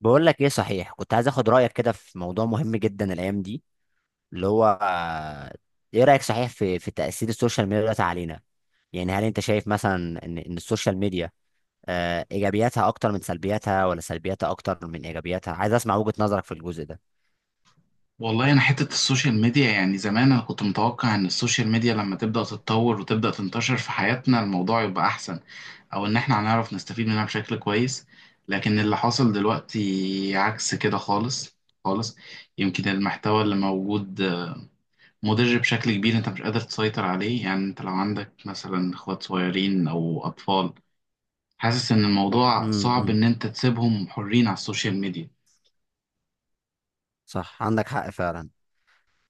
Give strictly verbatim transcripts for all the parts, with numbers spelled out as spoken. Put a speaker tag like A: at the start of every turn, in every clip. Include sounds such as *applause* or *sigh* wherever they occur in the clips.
A: بقول لك ايه صحيح، كنت عايز اخد رايك كده في موضوع مهم جدا الايام دي، اللي هو آه، ايه رايك صحيح في في تاثير السوشيال ميديا دلوقتي علينا؟ يعني هل انت شايف مثلا ان ان السوشيال ميديا آه، ايجابياتها اكتر من سلبياتها ولا سلبياتها اكتر من ايجابياتها؟ عايز اسمع وجهة نظرك في الجزء ده.
B: والله انا حته السوشيال ميديا، يعني زمان انا كنت متوقع ان السوشيال ميديا لما تبدا تتطور وتبدا تنتشر في حياتنا الموضوع يبقى احسن، او ان احنا هنعرف نستفيد منها بشكل كويس. لكن اللي حصل دلوقتي عكس كده خالص خالص. يمكن المحتوى اللي موجود مضر بشكل كبير، انت مش قادر تسيطر عليه. يعني انت لو عندك مثلا اخوات صغيرين او اطفال، حاسس ان الموضوع صعب
A: امم
B: ان انت تسيبهم حرين على السوشيال ميديا.
A: صح، عندك حق فعلا.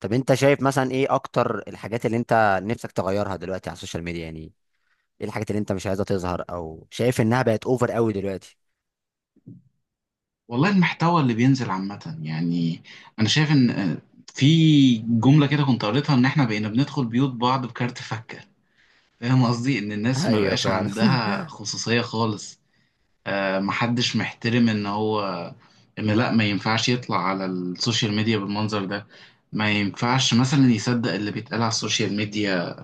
A: طب انت شايف مثلا ايه اكتر الحاجات اللي انت نفسك تغيرها دلوقتي على السوشيال ميديا؟ يعني ايه الحاجات اللي انت مش عايزها تظهر او شايف انها بقت اوفر قوي دلوقتي؟
B: والله المحتوى اللي بينزل عامة، يعني أنا شايف إن آه، في جملة كده كنت قريتها إن إحنا بقينا بندخل بيوت بعض بكارت فكة. فاهم قصدي؟ إن
A: *laughs*
B: الناس ما
A: ايوه
B: بقاش
A: فعلا.
B: عندها خصوصية خالص. آه، محدش محترم، إن هو إن لأ ما ينفعش يطلع على السوشيال ميديا بالمنظر ده، ما ينفعش مثلا يصدق اللي بيتقال على السوشيال ميديا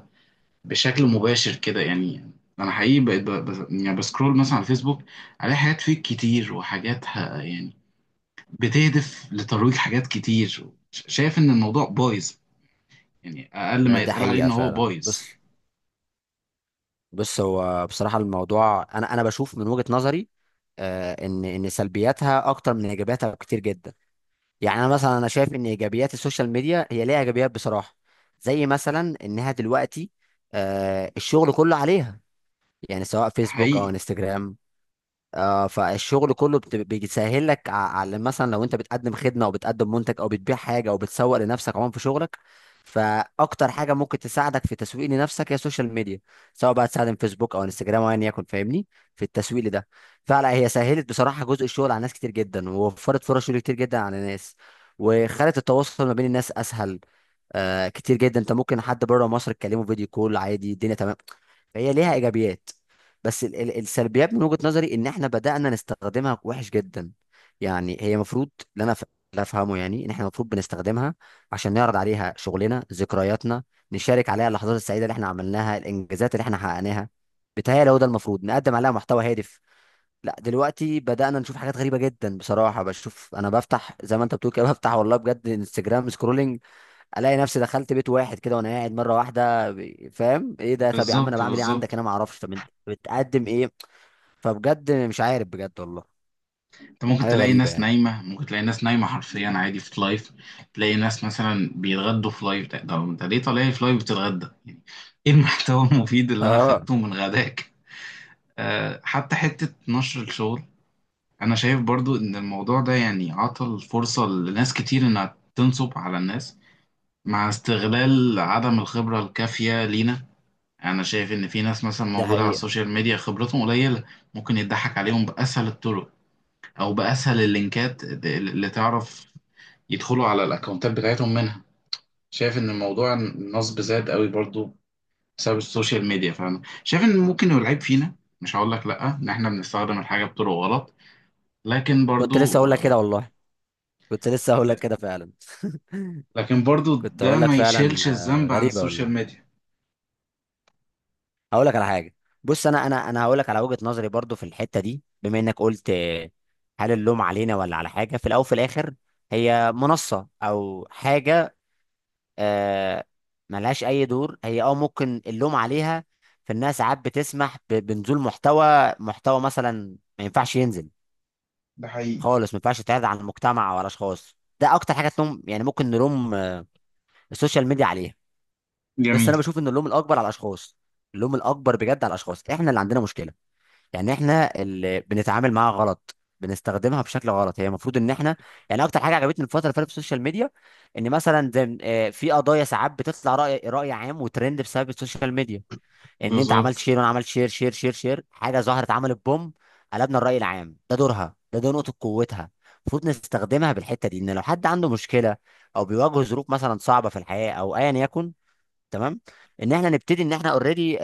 B: بشكل مباشر كده. يعني أنا حقيقي بقيت ب- بس- يعني بسكرول مثلا على الفيسبوك، ألاقي حاجات فيك كتير وحاجات ه- يعني بتهدف لترويج حاجات كتير. ش- شايف ان الموضوع بايظ، يعني اقل ما
A: ده
B: يتقال عليه
A: حقيقة
B: ان هو
A: فعلا.
B: بايظ.
A: بص، بص هو بصراحة الموضوع أنا أنا بشوف من وجهة نظري، آه، إن إن سلبياتها أكتر من إيجابياتها كتير جدا. يعني أنا مثلا أنا شايف إن إيجابيات السوشيال ميديا، هي ليها إيجابيات بصراحة، زي مثلا إنها دلوقتي آه، الشغل كله عليها. يعني سواء
B: ده
A: فيسبوك
B: حقيقي.
A: أو انستجرام. آه، فالشغل كله بت- بيسهل لك ع- على، مثلا لو انت بتقدم خدمه او بتقدم منتج او بتبيع حاجه او بتسوق لنفسك عموما في شغلك، فاكتر حاجه ممكن تساعدك في تسويق لنفسك هي السوشيال ميديا، سواء بقى تستخدم فيسبوك او انستجرام او ايا يكن، فاهمني؟ في التسويق ده فعلا هي سهلت بصراحه جزء الشغل على ناس كتير جدا، ووفرت فرص شغل كتير جدا على ناس، وخلت التواصل ما بين الناس اسهل آه كتير جدا. انت ممكن حد بره مصر تكلمه فيديو كول عادي، الدنيا تمام. فهي ليها ايجابيات. بس ال- ال- السلبيات من وجهة نظري ان احنا بدأنا نستخدمها وحش جدا. يعني هي المفروض، اللي انا ف- اللي افهمه يعني، ان احنا المفروض بنستخدمها عشان نعرض عليها شغلنا، ذكرياتنا، نشارك عليها اللحظات السعيدة اللي احنا عملناها، الانجازات اللي احنا حققناها. بتهيألي هو ده المفروض، نقدم عليها محتوى هادف. لا دلوقتي بدأنا نشوف حاجات غريبة جدا بصراحة. بشوف انا بفتح زي ما انت بتقول كده، *laughs* بفتح والله بجد انستجرام سكرولنج، الاقي نفسي دخلت بيت واحد كده وانا قاعد مره واحده ب- فاهم ايه ده؟ طب يا عم انا
B: بالظبط
A: بعمل ايه عندك؟
B: بالظبط.
A: انا ما اعرفش، طب انت بتقدم ايه؟ فبجد مش عارف بجد والله.
B: انت ممكن
A: حاجه
B: تلاقي
A: غريبه
B: ناس
A: يعني.
B: نايمه، ممكن تلاقي ناس نايمه حرفيا، عادي في لايف. تلاقي ناس مثلا بيتغدوا في لايف. ده ده انت ليه طالع لي في لايف بتتغدى يعني؟ ايه المحتوى المفيد اللي انا
A: اه،
B: خدته من غداك؟ أه، حتى حته نشر الشغل انا شايف برضو ان الموضوع ده يعني عطل فرصه لناس كتير انها تنصب على الناس، مع استغلال عدم الخبرة الكافية لينا. أنا شايف إن في ناس مثلا
A: ده
B: موجودة على
A: حقيقه.
B: السوشيال ميديا خبرتهم قليلة، ممكن يضحك عليهم بأسهل الطرق أو بأسهل اللينكات اللي تعرف يدخلوا على الأكونتات بتاعتهم منها. شايف إن الموضوع، النصب زاد قوي برضو بسبب السوشيال ميديا. فأنا شايف إن ممكن يبقى العيب فينا، مش هقول لك لأ، إن إحنا بنستخدم الحاجة بطرق غلط، لكن
A: كنت لسه
B: برضو
A: اقول لك كده
B: آه،
A: والله، كنت لسه اقول لك
B: لا.
A: كده فعلا. *laughs*
B: لكن برضو
A: كنت
B: ده
A: اقول لك
B: ما
A: فعلا.
B: يشيلش
A: آه،
B: الذنب عن
A: غريبه
B: السوشيال
A: والله.
B: ميديا.
A: هقول لك على حاجه. بص، انا انا انا هقول لك على وجهه نظري برضو في الحته دي، بما انك قلت آه، هل اللوم علينا ولا على حاجه؟ في الاول وفي الاخر هي منصه او حاجه، آه، ملهاش اي دور. هي اه ممكن اللوم عليها في انها ساعات بتسمح ب- بنزول محتوى محتوى مثلا ما ينفعش ينزل
B: ده حقيقي.
A: خالص، ما ينفعش يتعرض على المجتمع وعلى اشخاص. ده اكتر حاجه تلوم، يعني ممكن نلوم آه، السوشيال ميديا عليها. بس
B: جميل.
A: انا بشوف ان اللوم الاكبر على الاشخاص. اللوم الاكبر بجد على الاشخاص. احنا اللي عندنا مشكله، يعني احنا اللي بنتعامل معاها غلط، بنستخدمها بشكل غلط. هي المفروض ان احنا يعني، اكتر حاجه عجبتني الفتره اللي فاتت في السوشيال ميديا ان مثلا زي آه، في قضايا ساعات بتطلع راي راي عام وترند بسبب السوشيال ميديا، ان انت عملت
B: بالظبط.
A: شير وانا عملت شير، شير شير شير حاجه ظهرت عملت بوم، قلبنا الراي العام. ده دورها، ده ده نقطه قوتها. المفروض نستخدمها بالحته دي، ان لو حد عنده مشكله او بيواجه ظروف مثلا صعبه في الحياه او ايا يكن، تمام، ان احنا نبتدي ان احنا اوريدي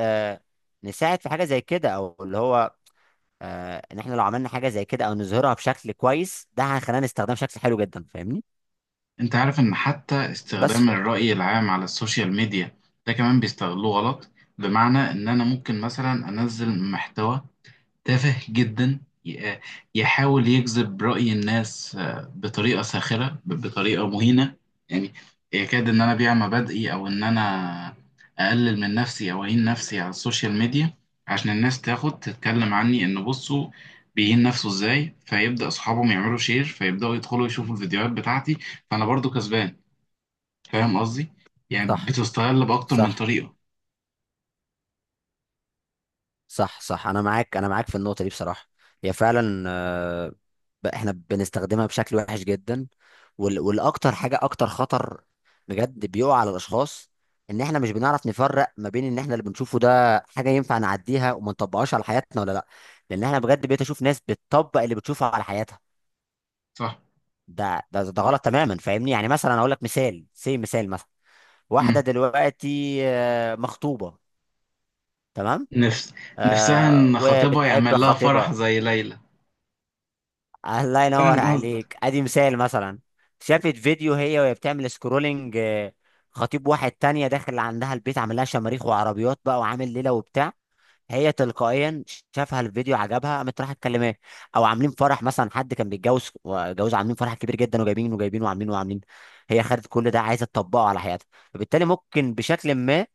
A: نساعد في حاجه زي كده. او اللي هو آه، ان احنا لو عملنا حاجه زي كده او نظهرها بشكل كويس، ده هيخلينا نستخدمها بشكل حلو جدا، فاهمني؟
B: انت عارف ان حتى
A: بس
B: استخدام
A: ف-
B: الرأي العام على السوشيال ميديا ده كمان بيستغلوه غلط؟ بمعنى ان انا ممكن مثلا انزل محتوى تافه جدا، ي- يحاول يجذب رأي الناس آه، بطريقة ساخرة، ب- بطريقة مهينة، يعني يكاد إن أنا أبيع مبادئي، أو إن أنا أقلل من نفسي أو أهين نفسي على السوشيال ميديا عشان الناس تاخد تتكلم عني، إن بصوا بيهين نفسه إزاي، فيبدأ أصحابهم يعملوا شير، فيبدأوا يدخلوا يشوفوا الفيديوهات بتاعتي، فأنا برضو كسبان. فاهم قصدي؟ يعني
A: صح،
B: بتستغل بأكتر من
A: صح.
B: طريقة.
A: صح صح انا معاك، انا معاك في النقطه دي بصراحه. هي فعلا آه، ب- احنا بنستخدمها بشكل وحش جدا. وال- والاكتر حاجه اكتر خطر بجد بيقع على الاشخاص، ان احنا مش بنعرف نفرق ما بين ان احنا اللي بنشوفه ده حاجه ينفع نعديها وما نطبقهاش على حياتنا ولا لا. لان احنا بجد بقيت اشوف ناس بتطبق اللي بتشوفه على حياتها.
B: صح؟
A: ده ده ده غلط تماما، فاهمني؟ يعني مثلا اقول لك مثال، سي مثال مثلا
B: مم.
A: واحده دلوقتي آه، مخطوبه، تمام،
B: نفس نفسها
A: آه
B: إن خطيبها
A: وبتحب
B: يعمل لها فرح
A: خطيبها،
B: زي ليلى.
A: الله ينور
B: فاهم قصدك.
A: عليك ادي مثال، مثلا شافت فيديو هي وهي بتعمل سكرولنج آه، خطيب واحد تانية داخل عندها البيت عامل لها شماريخ وعربيات بقى وعامل ليلة وبتاع، هي تلقائيا شافها الفيديو عجبها قامت رايحه تكلماه. او عاملين فرح مثلا، حد كان بيتجوز جوز عاملين فرح كبير جدا، وجايبين وجايبين وعاملين وعاملين، هي خدت كل ده عايزه تطبقه على حياتها، فبالتالي ممكن بشكل ما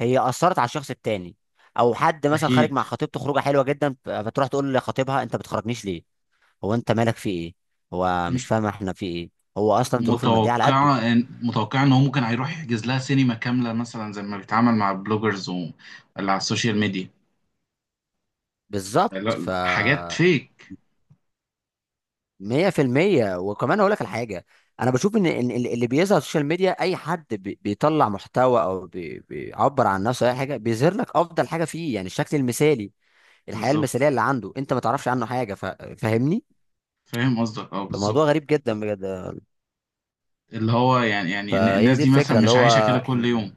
A: هي اثرت على الشخص التاني. او حد مثلا خارج
B: اكيد.
A: مع خطيبته خروجه حلوه جدا ف- فتروح تقول لخطيبها انت بتخرجنيش ليه؟ هو انت مالك في ايه؟ هو
B: م-
A: مش فاهم احنا في ايه، هو اصلا ظروفه الماديه على قده.
B: متوقعه ان متوقعه ان هو ممكن هيروح يحجز لها سينما كامله مثلا، زي ما بيتعامل مع البلوجرز و... اللي على السوشيال ميديا.
A: بالظبط.
B: لا
A: ف
B: لا، حاجات فيك.
A: مية في المية. وكمان أقول لك الحاجة، أنا بشوف إن إن ال- اللي بيظهر على السوشيال ميديا، أي حد بي- بيطلع محتوى أو بي- بيعبر عن نفسه، أي حاجة بيظهر لك أفضل حاجة فيه، يعني الشكل المثالي، الحياة
B: بالظبط.
A: المثالية اللي عنده، أنت ما تعرفش عنه حاجة. ف- فاهمني؟
B: فاهم قصدك، اه
A: فموضوع
B: بالظبط.
A: غريب جدا بجد.
B: اللي هو يعني، يعني إن
A: فهي
B: الناس
A: دي
B: دي مثلا
A: الفكرة، اللي
B: مش عايشه كده
A: هو
B: كل يوم.
A: إحنا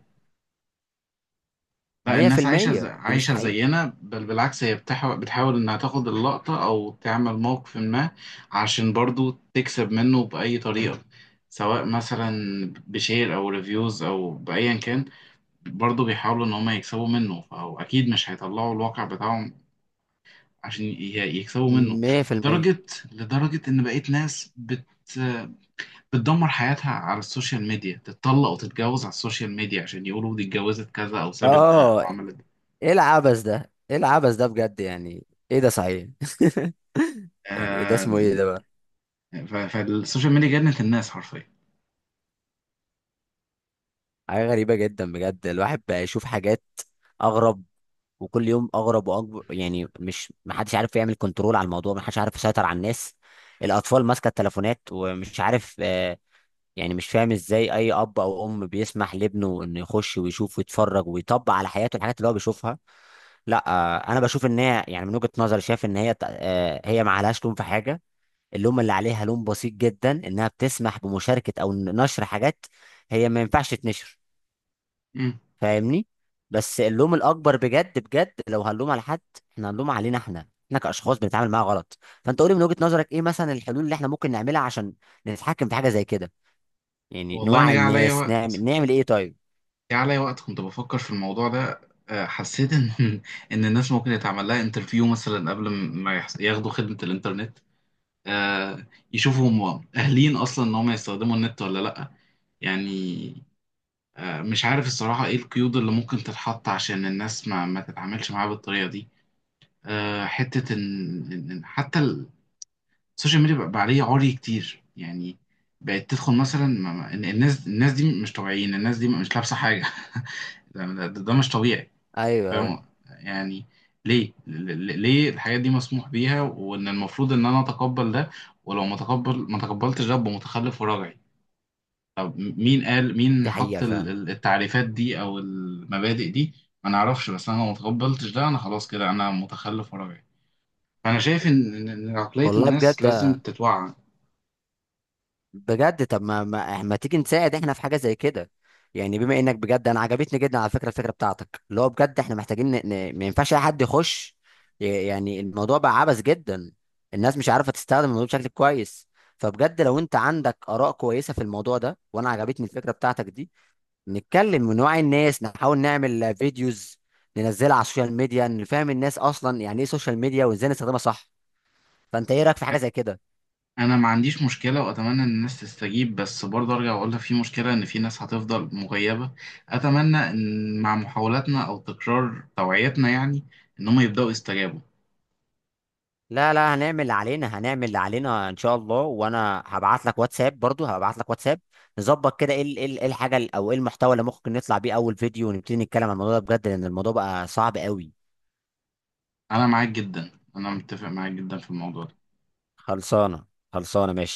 B: لا،
A: مية في
B: الناس عايشة ز...
A: المية دي مش
B: عايشة
A: حقيقة.
B: زينا، بل بالعكس، هي بتحاول بتحاول إنها تاخد اللقطة أو تعمل موقف ما عشان برضو تكسب منه بأي طريقة، سواء مثلا بشير أو ريفيوز أو بأيا كان. برضو بيحاولوا إن هما يكسبوا منه، فهو أكيد مش هيطلعوا الواقع بتاعهم عشان ي- يكسبوا منه.
A: مية في المية.
B: لدرجة، لدرجة إن بقيت ناس بت بتدمر حياتها على السوشيال ميديا، تتطلق وتتجوز على السوشيال ميديا عشان يقولوا دي اتجوزت كذا أو سابت ده أو
A: آه،
B: عملت ده.
A: إيه العبث ده؟ إيه العبث ده بجد يعني؟ إيه ده صحيح؟ *laughs* يعني إيه ده؟
B: آه،
A: اسمه إيه ده بقى؟
B: ف- فالسوشيال ميديا جنت الناس حرفيا.
A: حاجة غريبة جدا بجد. الواحد بقى يشوف حاجات أغرب، وكل يوم أغرب وأكبر. يعني مش، محدش عارف يعمل كنترول على الموضوع، محدش عارف يسيطر على الناس. الأطفال ماسكة التليفونات ومش عارف آه، يعني مش فاهم إزاي أي أب أو أم بيسمح لابنه إنه يخش ويشوف ويتفرج ويطبق على حياته الحاجات اللي هو بيشوفها. لا آه، أنا بشوف إن هي يعني من وجهة نظري شايف إن هي آه، هي ما عليهاش لوم في حاجة. اللوم اللي عليها لوم بسيط جدا، إنها بتسمح بمشاركة أو نشر حاجات هي ما ينفعش تنشر،
B: مم.
A: فاهمني؟ بس اللوم الاكبر بجد بجد لو هنلوم على حد، احنا هنلوم علينا احنا، احنا كاشخاص بنتعامل معاها غلط. فانت قولي من وجهة نظرك ايه مثلا الحلول اللي احنا ممكن نعملها عشان نتحكم في حاجه زي كده؟ يعني
B: والله انا
A: نوعي
B: جه عليا
A: الناس،
B: وقت
A: نعمل، نعمل ايه طيب؟
B: جه عليا وقت كنت بفكر في الموضوع ده، آه، حسيت ان *laughs* ان الناس ممكن يتعمل لها انترفيو مثلا قبل ما يحس- ياخدوا خدمة الانترنت، آه، يشوفوا هم اهلين اصلا ان هم يستخدموا النت ولا لا، يعني. آه، مش عارف الصراحة ايه القيود اللي ممكن تتحط عشان الناس ما ما تتعاملش معاها بالطريقة دي. آه، حتة ان إن- إن حتى السوشيال ميديا بقى بقى عليه عري كتير يعني. بقت تدخل مثلا ما- ما- إن- الناس الناس دي مش طبيعيين، الناس دي مش لابسه حاجه. *laughs* ده, ده, ده مش طبيعي.
A: ايوه، أيوة،
B: فاهم يعني. ليه ل- ل- ليه الحاجات دي مسموح بيها، وان المفروض ان انا اتقبل ده، ولو ما تقبل ما تقبلتش ده أبقى متخلف وراجعي؟ طب م- مين قال، مين
A: دي
B: حط
A: حقيقه
B: ال-
A: فعلا.
B: ال- التعريفات دي او المبادئ دي؟ ما نعرفش. بس انا لو ما تقبلتش ده انا خلاص كده انا متخلف وراجعي. فانا شايف ان إن- إن عقليه
A: والله
B: الناس
A: بجد،
B: لازم تتوعى.
A: بجد طب ما ما, ما تيجي نساعد احنا في حاجه زي كده؟ يعني بما انك بجد انا عجبتني جدا على فكره الفكره بتاعتك، اللي هو بجد احنا محتاجين ن... ن... ما ينفعش اي حد يخش، ي- يعني الموضوع بقى عبث جدا، الناس مش عارفه تستخدم الموضوع بشكل كويس. فبجد لو انت عندك اراء كويسه في الموضوع ده، وانا عجبتني الفكره بتاعتك دي، نتكلم ونوعي الناس، نحاول نعمل فيديوز ننزلها على السوشيال ميديا، نفهم الناس اصلا يعني ايه سوشيال ميديا وازاي نستخدمها صح. فانت ايه رايك في حاجه زي كده؟
B: انا ما عنديش مشكله، واتمنى ان الناس تستجيب، بس برضه ارجع واقول لك في مشكله، ان في ناس هتفضل مغيبه. اتمنى ان مع محاولاتنا او تكرار توعيتنا يعني، ان هم يبداوا يستجابوا.
A: لا لا، هنعمل اللي علينا، هنعمل اللي علينا ان شاء الله. وانا هبعت لك واتساب، برضو هبعت لك واتساب، نظبط كده ايه ال- إيه ال- إيه الحاجه ال- او ايه المحتوى اللي ممكن نطلع بيه اول فيديو ونبتدي نتكلم عن الموضوع ده بجد، لان الموضوع بقى صعب قوي.
B: انا معاك جدا، انا متفق معاك جدا في الموضوع ده.
A: خلصانه، خلصانه ماشي.